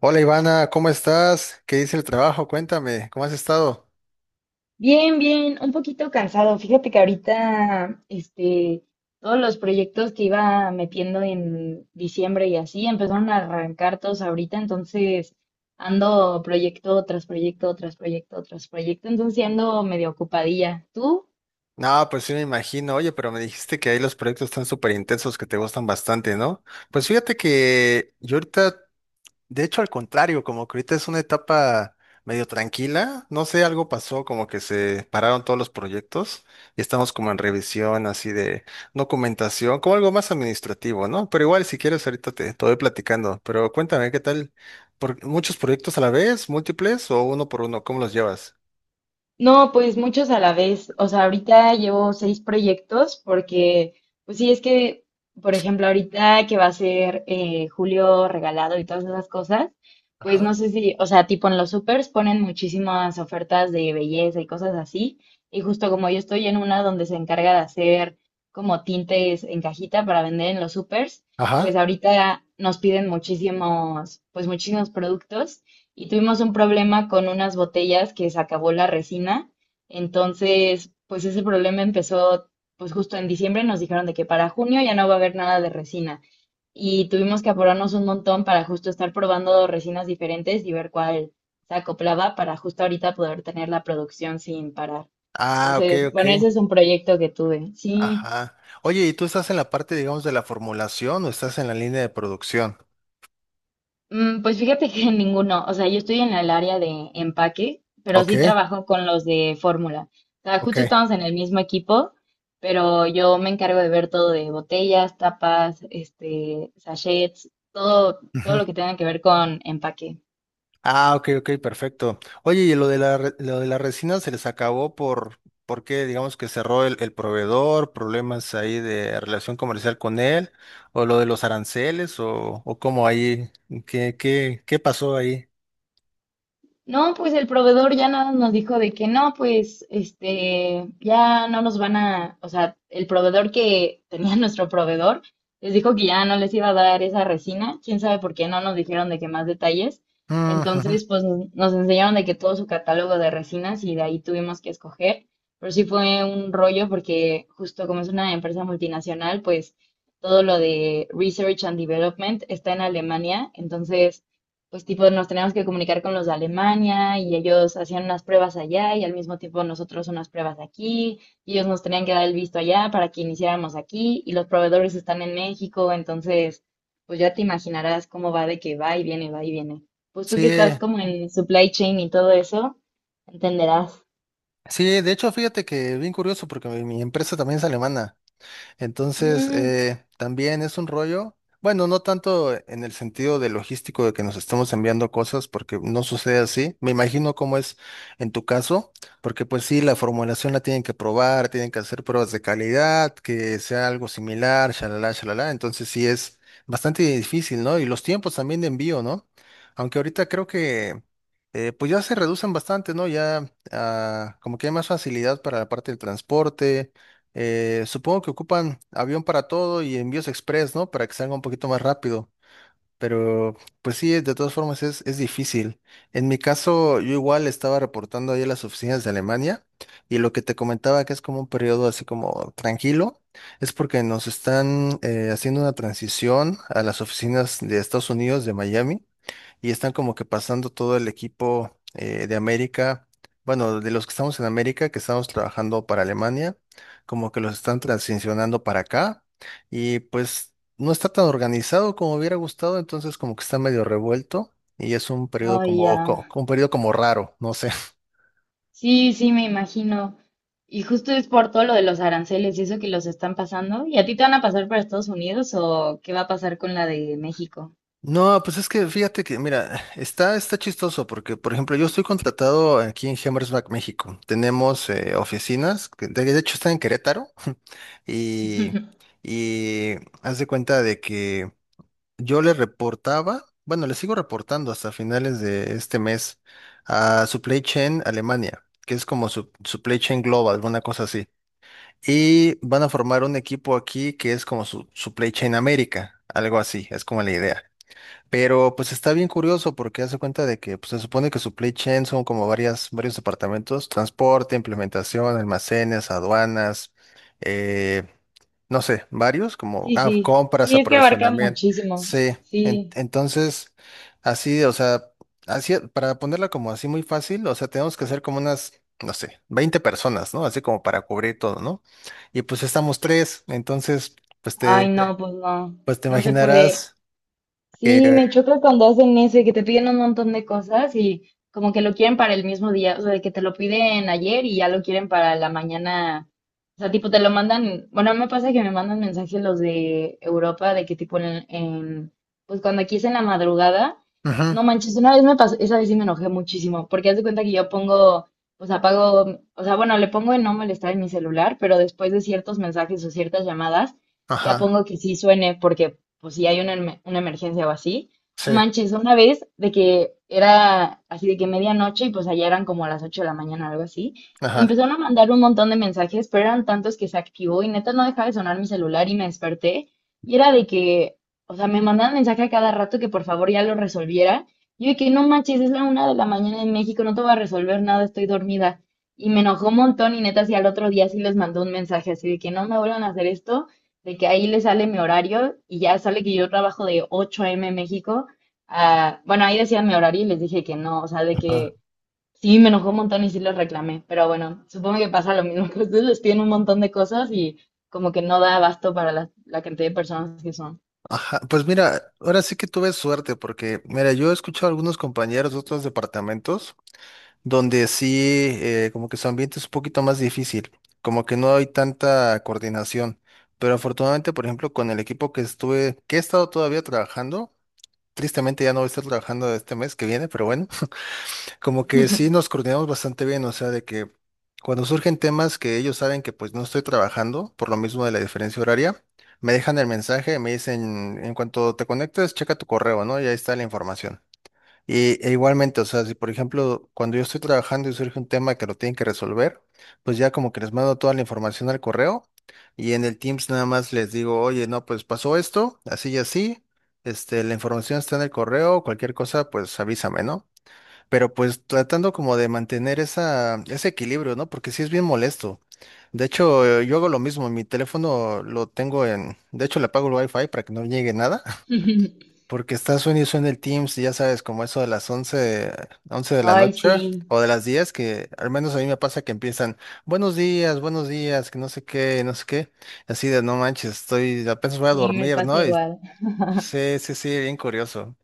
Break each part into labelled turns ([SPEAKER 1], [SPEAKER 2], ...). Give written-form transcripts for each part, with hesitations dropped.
[SPEAKER 1] Hola Ivana, ¿cómo estás? ¿Qué dice el trabajo? Cuéntame, ¿cómo has estado?
[SPEAKER 2] Bien, bien, un poquito cansado. Fíjate que ahorita, todos los proyectos que iba metiendo en diciembre y así empezaron a arrancar todos ahorita, entonces ando proyecto tras proyecto, tras proyecto, tras proyecto, entonces sí ando medio ocupadilla. ¿Tú?
[SPEAKER 1] No, pues sí me imagino. Oye, pero me dijiste. De hecho, al contrario, como que ahorita es una etapa medio tranquila, no sé, algo pasó, como que se pararon todos los proyectos y estamos como en revisión así de documentación, como algo más administrativo, ¿no? Pero igual, si quieres, ahorita te voy platicando, pero cuéntame, ¿qué tal? ¿Por muchos proyectos a la vez, múltiples o uno por uno? ¿Cómo los llevas?
[SPEAKER 2] No, pues muchos a la vez. O sea, ahorita llevo seis proyectos porque, pues sí, es que, por ejemplo, ahorita que va a ser julio regalado y todas esas cosas, pues
[SPEAKER 1] Ajá.
[SPEAKER 2] no sé si, o sea, tipo en los supers ponen muchísimas ofertas de belleza y cosas así. Y justo como yo estoy en una donde se encarga de hacer como tintes en cajita para vender en los supers, pues
[SPEAKER 1] Ajá.
[SPEAKER 2] ahorita nos piden muchísimos, pues muchísimos productos y tuvimos un problema con unas botellas que se acabó la resina. Entonces, pues ese problema empezó pues justo en diciembre, nos dijeron de que para junio ya no va a haber nada de resina. Y tuvimos que apurarnos un montón para justo estar probando resinas diferentes y ver cuál se acoplaba para justo ahorita poder tener la producción sin parar.
[SPEAKER 1] Ah, ok,
[SPEAKER 2] Entonces,
[SPEAKER 1] ok.
[SPEAKER 2] bueno, ese es un proyecto que tuve. Sí.
[SPEAKER 1] Ajá. Oye, ¿y tú estás en la parte, digamos, de la formulación o estás en la línea de producción?
[SPEAKER 2] Pues fíjate que ninguno, o sea, yo estoy en el área de empaque, pero
[SPEAKER 1] Ok,
[SPEAKER 2] sí trabajo con los de fórmula. O sea,
[SPEAKER 1] ok.
[SPEAKER 2] justo estamos en el mismo equipo, pero yo me encargo de ver todo de botellas, tapas, sachets, todo, todo lo que tenga que ver con empaque.
[SPEAKER 1] Ah, ok, ok, perfecto. Oye, y lo de la, re- lo de la resina se les acabó ¿por qué? Digamos que cerró el proveedor, problemas ahí de relación comercial con él, o lo de los aranceles, o cómo ahí, ¿qué pasó ahí?
[SPEAKER 2] No, pues el proveedor ya nada nos dijo de que no, ya no nos van a, o sea, el proveedor que tenía nuestro proveedor les dijo que ya no les iba a dar esa resina, quién sabe por qué no nos dijeron de qué más detalles.
[SPEAKER 1] Mm, ujú.
[SPEAKER 2] Entonces, pues nos enseñaron de que todo su catálogo de resinas y de ahí tuvimos que escoger, pero sí fue un rollo porque justo como es una empresa multinacional, pues todo lo de research and development está en Alemania, entonces pues tipo nos teníamos que comunicar con los de Alemania y ellos hacían unas pruebas allá y al mismo tiempo nosotros unas pruebas aquí y ellos nos tenían que dar el visto allá para que iniciáramos aquí y los proveedores están en México, entonces pues ya te imaginarás cómo va de que va y viene, va y viene. Pues tú que
[SPEAKER 1] Sí,
[SPEAKER 2] estás como en supply chain y todo eso, entenderás.
[SPEAKER 1] sí, de hecho, fíjate que bien curioso porque mi empresa también es alemana. Entonces,
[SPEAKER 2] Mm,
[SPEAKER 1] también es un rollo. Bueno, no tanto en el sentido de logístico de que nos estamos enviando cosas, porque no sucede así. Me imagino cómo es en tu caso, porque pues sí, la formulación la tienen que probar, tienen que hacer pruebas de calidad, que sea algo similar, shalala, shalala. Entonces sí es bastante difícil, ¿no? Y los tiempos también de envío, ¿no? Aunque ahorita creo que pues ya se reducen bastante, ¿no? Ya como que hay más facilidad para la parte del transporte, supongo que ocupan avión para todo y envíos express, ¿no? Para que salga un poquito más rápido. Pero pues sí, de todas formas es difícil. En mi caso, yo igual estaba reportando ahí a las oficinas de Alemania y lo que te comentaba que es como un periodo así como tranquilo, es porque nos están haciendo una transición a las oficinas de Estados Unidos, de Miami, y están como que pasando todo el equipo, de América, bueno, de los que estamos en América, que estamos trabajando para Alemania, como que los están transicionando para acá y pues no está tan organizado como hubiera gustado, entonces como que está medio revuelto y es un periodo
[SPEAKER 2] oh,
[SPEAKER 1] como,
[SPEAKER 2] ya.
[SPEAKER 1] co- un periodo como raro, no sé.
[SPEAKER 2] Sí, sí, me imagino. Y justo es por todo lo de los aranceles y eso que los están pasando. ¿Y a ti te van a pasar para Estados Unidos o qué va a pasar con la de México?
[SPEAKER 1] No, pues es que fíjate que, mira, está chistoso porque, por ejemplo, yo estoy contratado aquí en Hammersback, México. Tenemos oficinas, que de hecho está en Querétaro, y, y haz de cuenta de que yo le reportaba, bueno, le sigo reportando hasta finales de este mes a Supply Chain Alemania, que es como su, Supply Chain Global, una cosa así. Y van a formar un equipo aquí que es como su Supply Chain América, algo así, es como la idea. Pero pues está bien curioso porque hace cuenta de que pues, se supone que supply chain son como varias, varios departamentos, transporte, implementación, almacenes, aduanas, eh, no sé, varios, como
[SPEAKER 2] Sí, sí,
[SPEAKER 1] compras,
[SPEAKER 2] sí, es que abarca
[SPEAKER 1] aprovisionamiento.
[SPEAKER 2] muchísimo.
[SPEAKER 1] Sí, en-
[SPEAKER 2] Sí,
[SPEAKER 1] entonces, así, o sea, así, para ponerla como así muy fácil, o sea, tenemos que ser como unas, no sé, 20 personas, ¿no? Así como para cubrir todo, ¿no? Y pues estamos tres, entonces, pues te,
[SPEAKER 2] ay,
[SPEAKER 1] te-
[SPEAKER 2] no, pues no,
[SPEAKER 1] pues te
[SPEAKER 2] no se puede.
[SPEAKER 1] imaginarás que...
[SPEAKER 2] Sí, me choca cuando hacen eso y que te piden un montón de cosas y como que lo quieren para el mismo día, o sea, de que te lo piden ayer y ya lo quieren para la mañana. O sea, tipo, te lo mandan, bueno, me pasa que me mandan mensajes los de Europa de que tipo pues cuando aquí es en la madrugada,
[SPEAKER 1] Ujú,
[SPEAKER 2] no manches, una vez me pasó, esa vez sí me enojé muchísimo, porque haz de cuenta que yo pongo, pues apago, o sea, bueno, le pongo en no molestar en mi celular, pero después de ciertos mensajes o ciertas llamadas, ya
[SPEAKER 1] ajá.
[SPEAKER 2] pongo que sí suene, porque pues si hay una, una emergencia o así. O
[SPEAKER 1] Sí,
[SPEAKER 2] manches, una vez de que era así de que medianoche y pues allá eran como las 8 de la mañana o algo así. Me
[SPEAKER 1] ajá,
[SPEAKER 2] empezaron a mandar un montón de mensajes, pero eran tantos que se activó y neta no dejaba de sonar mi celular y me desperté. Y era de que, o sea, me mandaban mensaje a cada rato que por favor ya lo resolviera. Yo de que no manches, es la 1 de la mañana en México, no te voy a resolver nada, estoy dormida. Y me enojó un montón y neta, si al otro día sí les mandó un mensaje así de que no me vuelvan a hacer esto de que ahí le sale mi horario y ya sale que yo trabajo de 8 a.m. México bueno, ahí decía mi horario y les dije que no, o sea, de
[SPEAKER 1] ajá,
[SPEAKER 2] que sí me enojó un montón y sí les reclamé, pero bueno, supongo que pasa lo mismo, que ustedes les piden un montón de cosas y como que no da abasto para la, la cantidad de personas que son.
[SPEAKER 1] ajá. Pues mira, ahora sí que tuve suerte porque, mira, yo he escuchado a algunos compañeros de otros departamentos donde sí, como que su ambiente es un poquito más difícil, como que no hay tanta coordinación. Pero afortunadamente, por ejemplo, con el equipo que estuve, que he estado todavía trabajando, tristemente ya no voy a estar trabajando este mes que viene, pero bueno, como que sí nos coordinamos bastante bien, o sea, de que cuando surgen temas que ellos saben que pues no estoy trabajando, por lo mismo de la diferencia horaria, me dejan el mensaje, me dicen, en cuanto te conectes, checa tu correo, ¿no? Y ahí está la información. Y e igualmente, o sea, si por ejemplo, cuando yo estoy trabajando y surge un tema que lo tienen que resolver, pues ya como que les mando toda la información al correo y en el Teams nada más les digo, oye, no, pues pasó esto, así y así, este, la información está en el correo, cualquier cosa, pues avísame, ¿no? Pero pues tratando como de mantener esa, ese equilibrio, ¿no? Porque sí es bien molesto. De hecho, yo hago lo mismo, mi teléfono lo tengo en, de hecho le apago el wifi para que no llegue nada, porque está suena y suena el Teams, y ya sabes, como eso de las 11 de la
[SPEAKER 2] Ay, sí,
[SPEAKER 1] noche o de las 10 que al menos a mí me pasa que empiezan, buenos días, que no sé qué, no sé qué, así de no manches, estoy, apenas voy a
[SPEAKER 2] sí, me
[SPEAKER 1] dormir,
[SPEAKER 2] pasa
[SPEAKER 1] ¿no? Y
[SPEAKER 2] igual,
[SPEAKER 1] sí, sí, sí, bien curioso.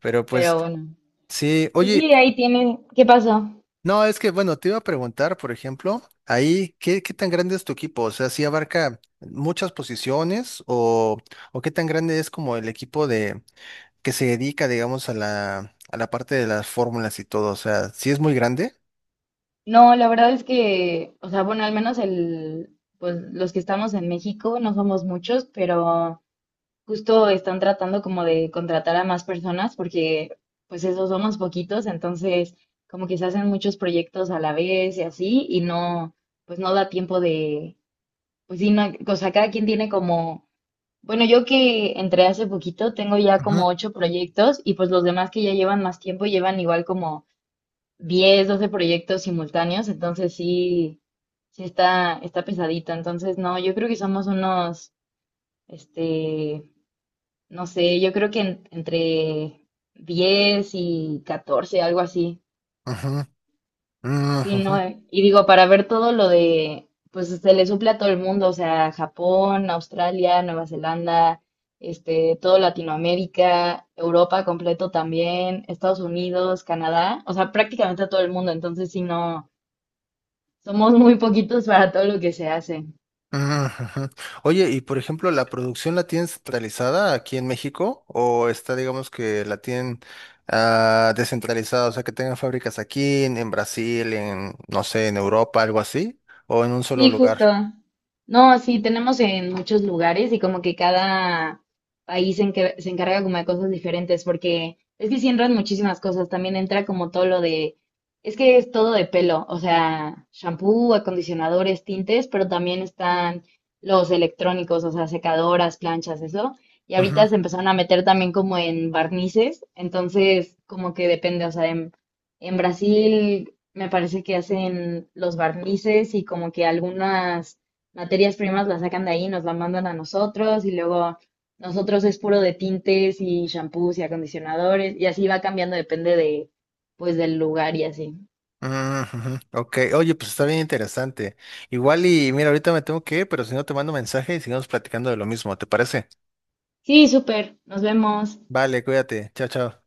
[SPEAKER 1] Pero pues
[SPEAKER 2] pero bueno,
[SPEAKER 1] sí,
[SPEAKER 2] pues
[SPEAKER 1] oye,
[SPEAKER 2] sí, ahí tiene, ¿qué pasó?
[SPEAKER 1] no, es que, bueno, te iba a preguntar, por ejemplo, ahí, ¿qué tan grande es tu equipo? O sea, ¿si abarca muchas posiciones o qué tan grande es como el equipo de que se dedica, digamos, a la parte de las fórmulas y todo? O sea, ¿si es muy grande?
[SPEAKER 2] No, la verdad es que, o sea, bueno, al menos el, pues los que estamos en México no somos muchos, pero... Justo están tratando como de contratar a más personas porque pues esos somos poquitos, entonces como que se hacen muchos proyectos a la vez y así y no, pues no da tiempo de, pues sí, no, o sea, cada quien tiene como, bueno, yo que entré hace poquito tengo ya como
[SPEAKER 1] Ajá,
[SPEAKER 2] ocho proyectos y pues los demás que ya llevan más tiempo llevan igual como 10 12 proyectos simultáneos, entonces sí, sí está, está pesadito, entonces no, yo creo que somos unos, este no sé, yo creo que entre 10 y 14 algo así. Sí, no,
[SPEAKER 1] ajá,
[SPEAKER 2] y digo, para ver todo lo de, pues se le suple a todo el mundo, o sea, Japón, Australia, Nueva Zelanda, todo Latinoamérica, Europa completo también, Estados Unidos, Canadá, o sea, prácticamente a todo el mundo, entonces sí, no, somos muy poquitos para todo lo que se hace.
[SPEAKER 1] ujú. Oye, y por ejemplo, ¿la producción la tienen centralizada aquí en México o está, digamos, que la tienen descentralizada, o sea, que tengan fábricas aquí, en Brasil, en, no sé, en Europa, algo así, o en un solo
[SPEAKER 2] Sí, justo.
[SPEAKER 1] lugar?
[SPEAKER 2] No, sí, tenemos en muchos lugares y como que cada país se encarga como de cosas diferentes, porque es que sí entran muchísimas cosas, también entra como todo lo de, es que es todo de pelo, o sea, shampoo, acondicionadores, tintes, pero también están los electrónicos, o sea, secadoras, planchas, eso. Y ahorita
[SPEAKER 1] Ujú,
[SPEAKER 2] se empezaron a meter también como en barnices, entonces como que depende, o sea, en Brasil me parece que hacen los barnices y como que algunas materias primas las sacan de ahí, nos las mandan a nosotros y luego nosotros es puro de tintes y shampoos y acondicionadores y así va cambiando, depende de pues del lugar y así.
[SPEAKER 1] ujú, ujú. Ok, oye, pues está bien interesante. Igual y mira, ahorita me tengo que ir, pero si no te mando mensaje y sigamos platicando de lo mismo, ¿te parece?
[SPEAKER 2] Sí, súper, nos vemos.
[SPEAKER 1] Vale, cuídate, chao, chao.